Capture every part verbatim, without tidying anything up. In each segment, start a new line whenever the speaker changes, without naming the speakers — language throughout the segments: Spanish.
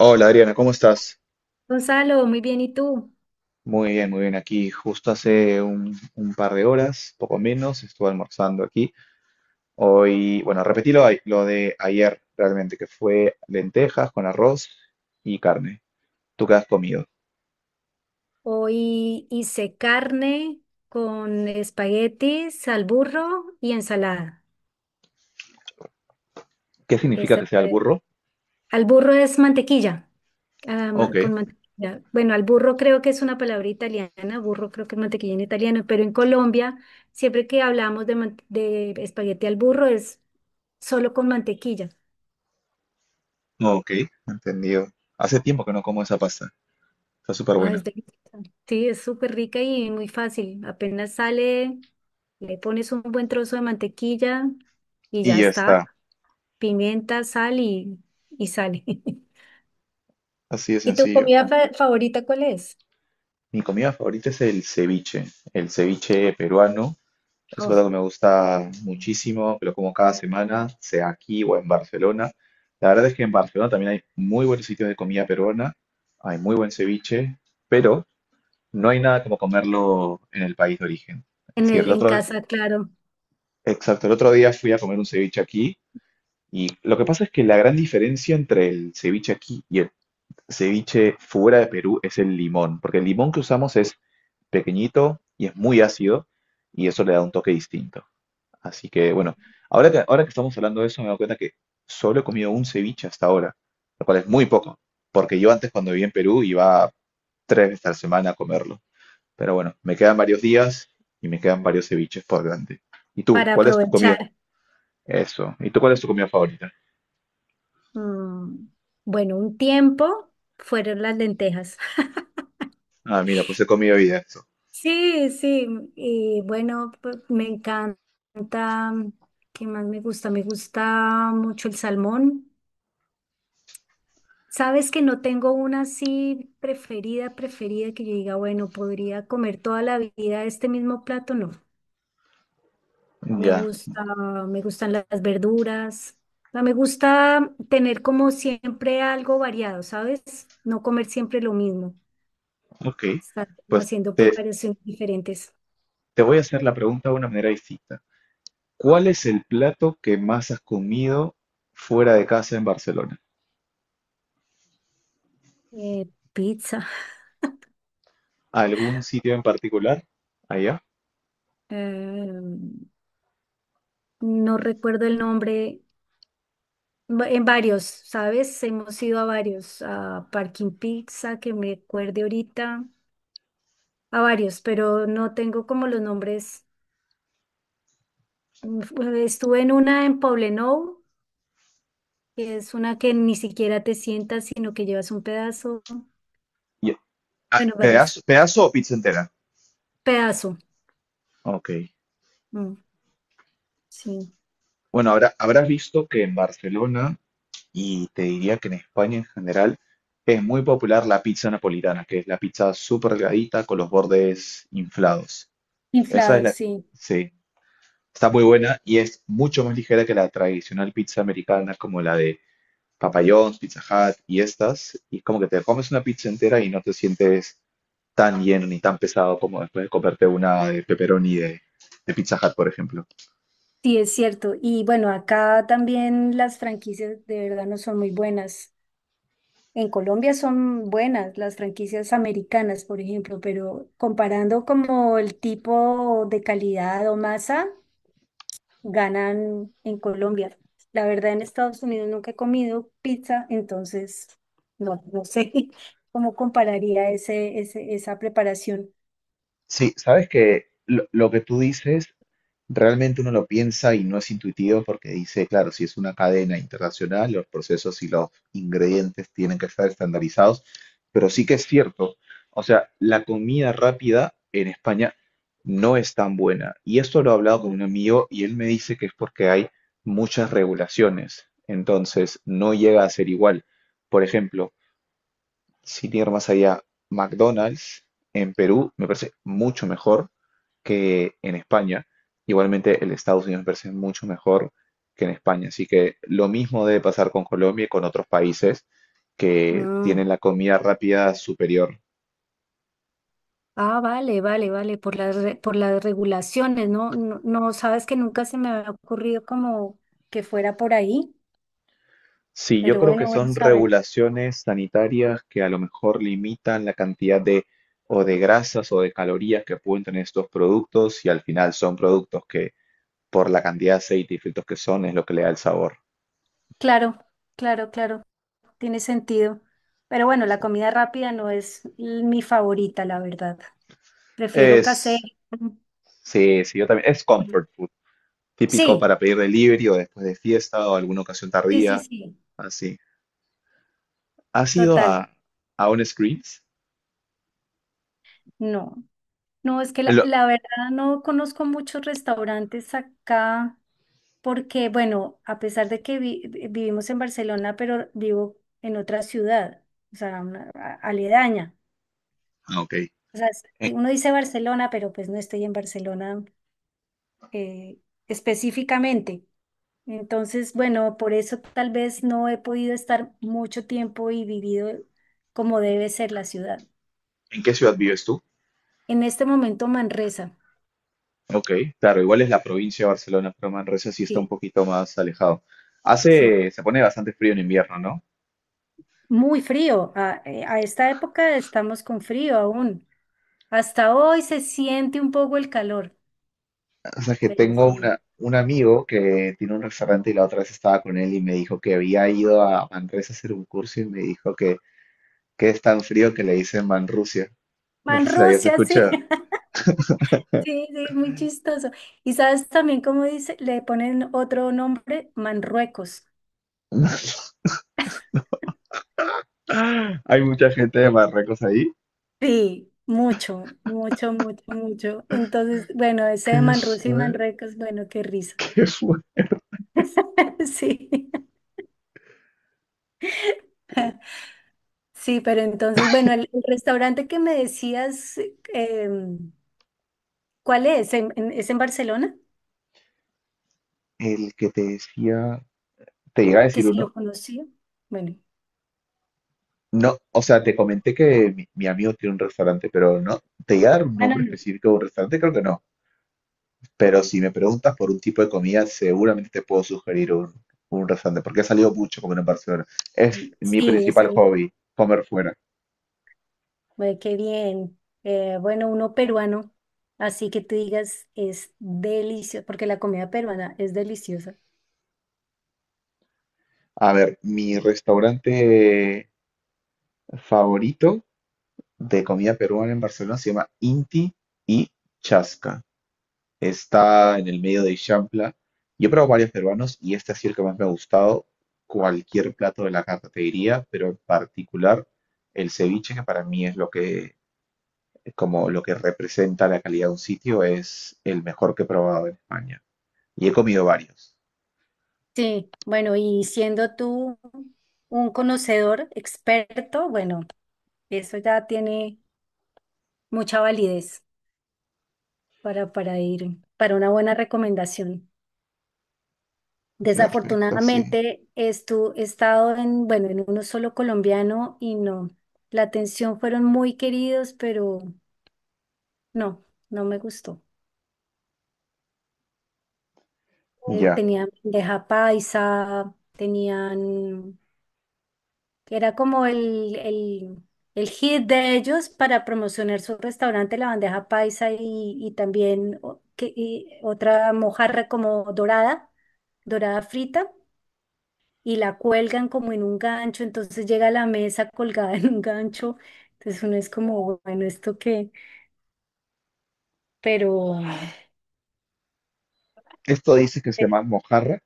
Hola Adriana, ¿cómo estás?
Gonzalo, muy bien, ¿y tú?
Muy bien, muy bien. Aquí justo hace un, un par de horas, poco menos, estuve almorzando aquí. Hoy, bueno, repetí lo, de- lo de ayer realmente, que fue lentejas con arroz y carne. ¿Tú qué has comido?
Hoy hice carne con espaguetis al burro y ensalada.
¿Qué significa
Ese
que sea el
fue-
burro?
Al burro es mantequilla, ah,
Ok,
ma- con mantequilla. Bueno, al burro creo que es una palabra italiana, burro creo que es mantequilla en italiano, pero en Colombia siempre que hablamos de, man- de espagueti al burro es solo con mantequilla.
ok, entendido. Hace tiempo que no como esa pasta. Está súper
Ay, es
buena.
deliciosa. Sí, es súper rica y muy fácil. Apenas sale, le pones un buen trozo de mantequilla y
Y
ya
ya
está.
está,
Pimienta, sal y, y sale.
así de
¿Y tu
sencillo.
comida fa- favorita cuál es?
Mi comida favorita es el ceviche, el ceviche peruano. Es un plato
Oh,
que me gusta muchísimo, que lo como cada semana, sea aquí o en Barcelona. La verdad es que en Barcelona también hay muy buenos sitios de comida peruana, hay muy buen ceviche, pero no hay nada como comerlo en el país de origen. Es
en
decir,
el,
el
en
otro,
casa, claro,
exacto, el otro día fui a comer un ceviche aquí y lo que pasa es que la gran diferencia entre el ceviche aquí y el ceviche fuera de Perú es el limón, porque el limón que usamos es pequeñito y es muy ácido y eso le da un toque distinto. Así que bueno, ahora que, ahora que estamos hablando de eso, me doy cuenta que solo he comido un ceviche hasta ahora, lo cual es muy poco, porque yo antes cuando vivía en Perú iba tres veces a la semana a comerlo. Pero bueno, me quedan varios días y me quedan varios ceviches por delante. ¿Y tú?
para
¿Cuál es tu comida?
aprovechar.
Eso. ¿Y tú cuál es tu comida favorita?
Mm, bueno, un tiempo fueron las lentejas.
Ah, mira, pues he comido hoy día eso.
Sí, sí, y bueno, pues, me encanta, ¿qué más me gusta? Me gusta mucho el salmón. Sabes que no tengo una así preferida, preferida que yo diga, bueno, podría comer toda la vida este mismo plato, no. Me
Ya,
gusta, me gustan las verduras. O sea, me gusta tener como siempre algo variado, ¿sabes? No comer siempre lo mismo.
ok.
Estar como
Pues
haciendo
te,
preparaciones diferentes.
te voy a hacer la pregunta de una manera distinta. ¿Cuál es el plato que más has comido fuera de casa en Barcelona?
Eh, pizza.
¿Algún sitio en particular? Allá.
eh, no recuerdo el nombre. Va- En varios, ¿sabes? Hemos ido a varios. A Parking Pizza, que me acuerde ahorita. A varios, pero no tengo como los nombres. Mm, Estuve en una en Poblenou, que es una que ni siquiera te sientas, sino que llevas un pedazo,
Y- ah,
bueno, varios,
¿pedazo, pedazo o pizza entera?
pedazo,
Ok.
mm, sí.
Bueno, habrá- habrás visto que en Barcelona, y te diría que en España en general, es muy popular la pizza napolitana, que es la pizza súper delgadita con los bordes inflados. Esa es
Inflados,
la...
sí.
Sí, está muy buena y es mucho más ligera que la tradicional pizza americana como la de Papa John's, Pizza Hut y estas, y como que te comes una pizza entera y no te sientes tan lleno ni tan pesado como después de comerte una de pepperoni de, de Pizza Hut, por ejemplo.
Sí, es cierto. Y bueno, acá también las franquicias de verdad no son muy buenas. En Colombia son buenas las franquicias americanas, por ejemplo, pero comparando como el tipo de calidad o masa, ganan en Colombia. La verdad, en Estados Unidos nunca he comido pizza, entonces no, no sé cómo compararía ese, ese, esa preparación.
Sí, sabes que lo, lo que tú dices realmente uno lo piensa y no es intuitivo porque dice, claro, si es una cadena internacional, los procesos y los ingredientes tienen que estar estandarizados, pero sí que es cierto. O sea, la comida rápida en España no es tan buena. Y esto lo he hablado con
Ujú.
un amigo y él me dice que es porque hay muchas regulaciones. Entonces, no llega a ser igual. Por ejemplo, sin ir más allá, McDonald's en Perú me parece mucho mejor que en España. Igualmente, el Estados Unidos me parece mucho mejor que en España. Así que lo mismo debe pasar con Colombia y con otros países que
No.
tienen la comida rápida superior.
Ah, vale, vale, vale, por las, re- por las regulaciones, ¿no? No, no, sabes que nunca se me había ocurrido como que fuera por ahí,
Sí, yo
pero
creo
bueno,
que
bueno,
son
saber.
regulaciones sanitarias que a lo mejor limitan la cantidad de o de grasas o de calorías que pueden tener estos productos y al final son productos que por la cantidad de aceite y filtros que son es lo que le da el sabor.
Claro, claro, claro, tiene sentido. Pero bueno, la
Sí.
comida rápida no es mi favorita, la verdad. Prefiero casera.
Es, sí, sí, yo también. Es comfort food, típico
Sí,
para pedir delivery o después de fiesta o alguna ocasión
sí, sí,
tardía,
sí,
así. ¿Has ido
total.
a, ¿A un Screens?
No, no, es que la,
Lo-
la verdad no conozco muchos restaurantes acá porque, bueno, a pesar de que vi- vivimos en Barcelona, pero vivo en otra ciudad, o sea, una- a- aledaña.
ah, ok.
O sea, es-
¿En,
Uno dice Barcelona, pero pues no estoy en Barcelona eh, específicamente. Entonces, bueno, por eso tal vez no he podido estar mucho tiempo y vivido como debe ser la ciudad.
¿En qué ciudad vives tú?
En este momento, Manresa.
Ok, claro, igual es la provincia de Barcelona, pero Manresa sí está un
Sí,
poquito más alejado.
sí.
Hace, se pone bastante frío en invierno, ¿no?
Muy frío. A, eh, a esta época estamos con frío aún. Hasta hoy se siente un poco el calor,
O sea que
pero
tengo
sí.
una, un amigo que tiene un restaurante y la otra vez estaba con él y me dijo que había ido a Manresa a hacer un curso y me dijo que que es tan frío que le dicen Manrusia. No
Man,
sé si la habías
Rusia, sí.
escuchado.
Sí, sí, es muy chistoso. Y sabes también cómo dice, le ponen otro nombre, Manruecos.
¡Ah! Hay mucha gente de Marruecos ahí.
Sí, mucho, mucho, mucho, mucho. Entonces, bueno, ese de
¿Qué
Manrusia y
fue?
Manruecos, bueno, qué risa.
¿Qué fue?
Sí, sí, pero entonces, bueno, el, el restaurante que me decías, em, ¿cuál es? ¿En- en- ¿Es en Barcelona?
El que te decía, te llega a
Que
decir
si
uno.
lo conocía. Bueno,
No, o sea, te comenté que mi, mi amigo tiene un restaurante, pero no, te iba a dar un
ah, no,
nombre
no.
específico de un restaurante, creo que no. Pero si me preguntas por un tipo de comida, seguramente te puedo sugerir un, un restaurante, porque he salido mucho a comer en Barcelona. Es mi
Sí, es
principal
en...
hobby, comer fuera.
Ay, qué bien. Eh, bueno, uno peruano, así que tú digas, es delicioso, porque la comida peruana es deliciosa.
A ver, mi restaurante favorito de comida peruana en Barcelona se llama Inti y Chasca. Está en el medio de Ixampla. Yo he probado varios peruanos y este ha sido el que más me ha gustado. Cualquier plato de la carta te diría, pero en particular el ceviche, que para mí es lo que, como lo que representa la calidad de un sitio, es el mejor que he probado en España. Y he comido varios.
Sí, bueno, y siendo tú un conocedor experto, bueno, eso ya tiene mucha validez para, para ir, para una buena recomendación.
Perfecto, sí.
Desafortunadamente, estu- he estado en, bueno, en uno solo colombiano y no. La atención fueron muy queridos, pero no, no me gustó. Eh,
Ya.
tenían bandeja paisa, tenían, era como el, el, el hit de ellos para promocionar su restaurante, la bandeja paisa y, y también o- que- y otra mojarra como dorada, dorada frita. Y la cuelgan como en un gancho, entonces llega a la mesa colgada en un gancho, entonces uno es como, bueno, ¿esto qué? Pero,
Esto dice que se
pero-
llama mojarra.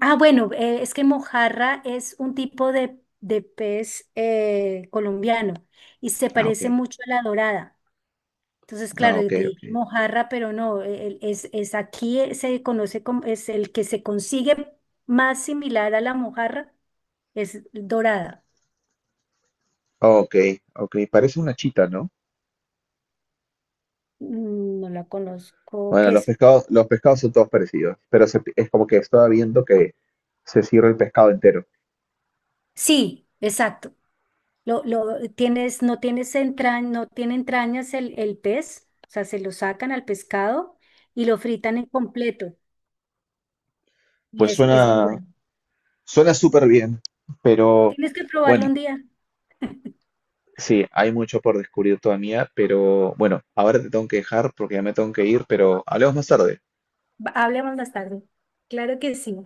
ah, bueno, eh, es que mojarra es un tipo de, de pez eh, colombiano y se
Ah,
parece
ok.
mucho a la dorada. Entonces,
Ah,
claro,
ok,
yo te dije
ok.
mojarra, pero no, e, el- es, es aquí eh, se conoce como, es el que se consigue más similar a la mojarra, es dorada.
Ok, ok. Parece una chita, ¿no?
Mm, no la conozco,
Bueno,
que
los
es
pescados, los pescados son todos parecidos, pero se- es como que estaba viendo que se sirve el pescado entero.
Sí, exacto. Lo, lo tienes, no tienes entra- no tiene entrañas el, el pez, o sea, se lo sacan al pescado y lo fritan en completo. Y
Pues
es, es muy
suena,
bueno.
suena súper bien, pero
Tienes que probarlo
bueno,
un día.
sí, hay mucho por descubrir todavía, pero bueno, ahora te tengo que dejar porque ya me tengo que ir, pero hablemos más tarde.
Va- Hablemos más tarde. Claro que sí.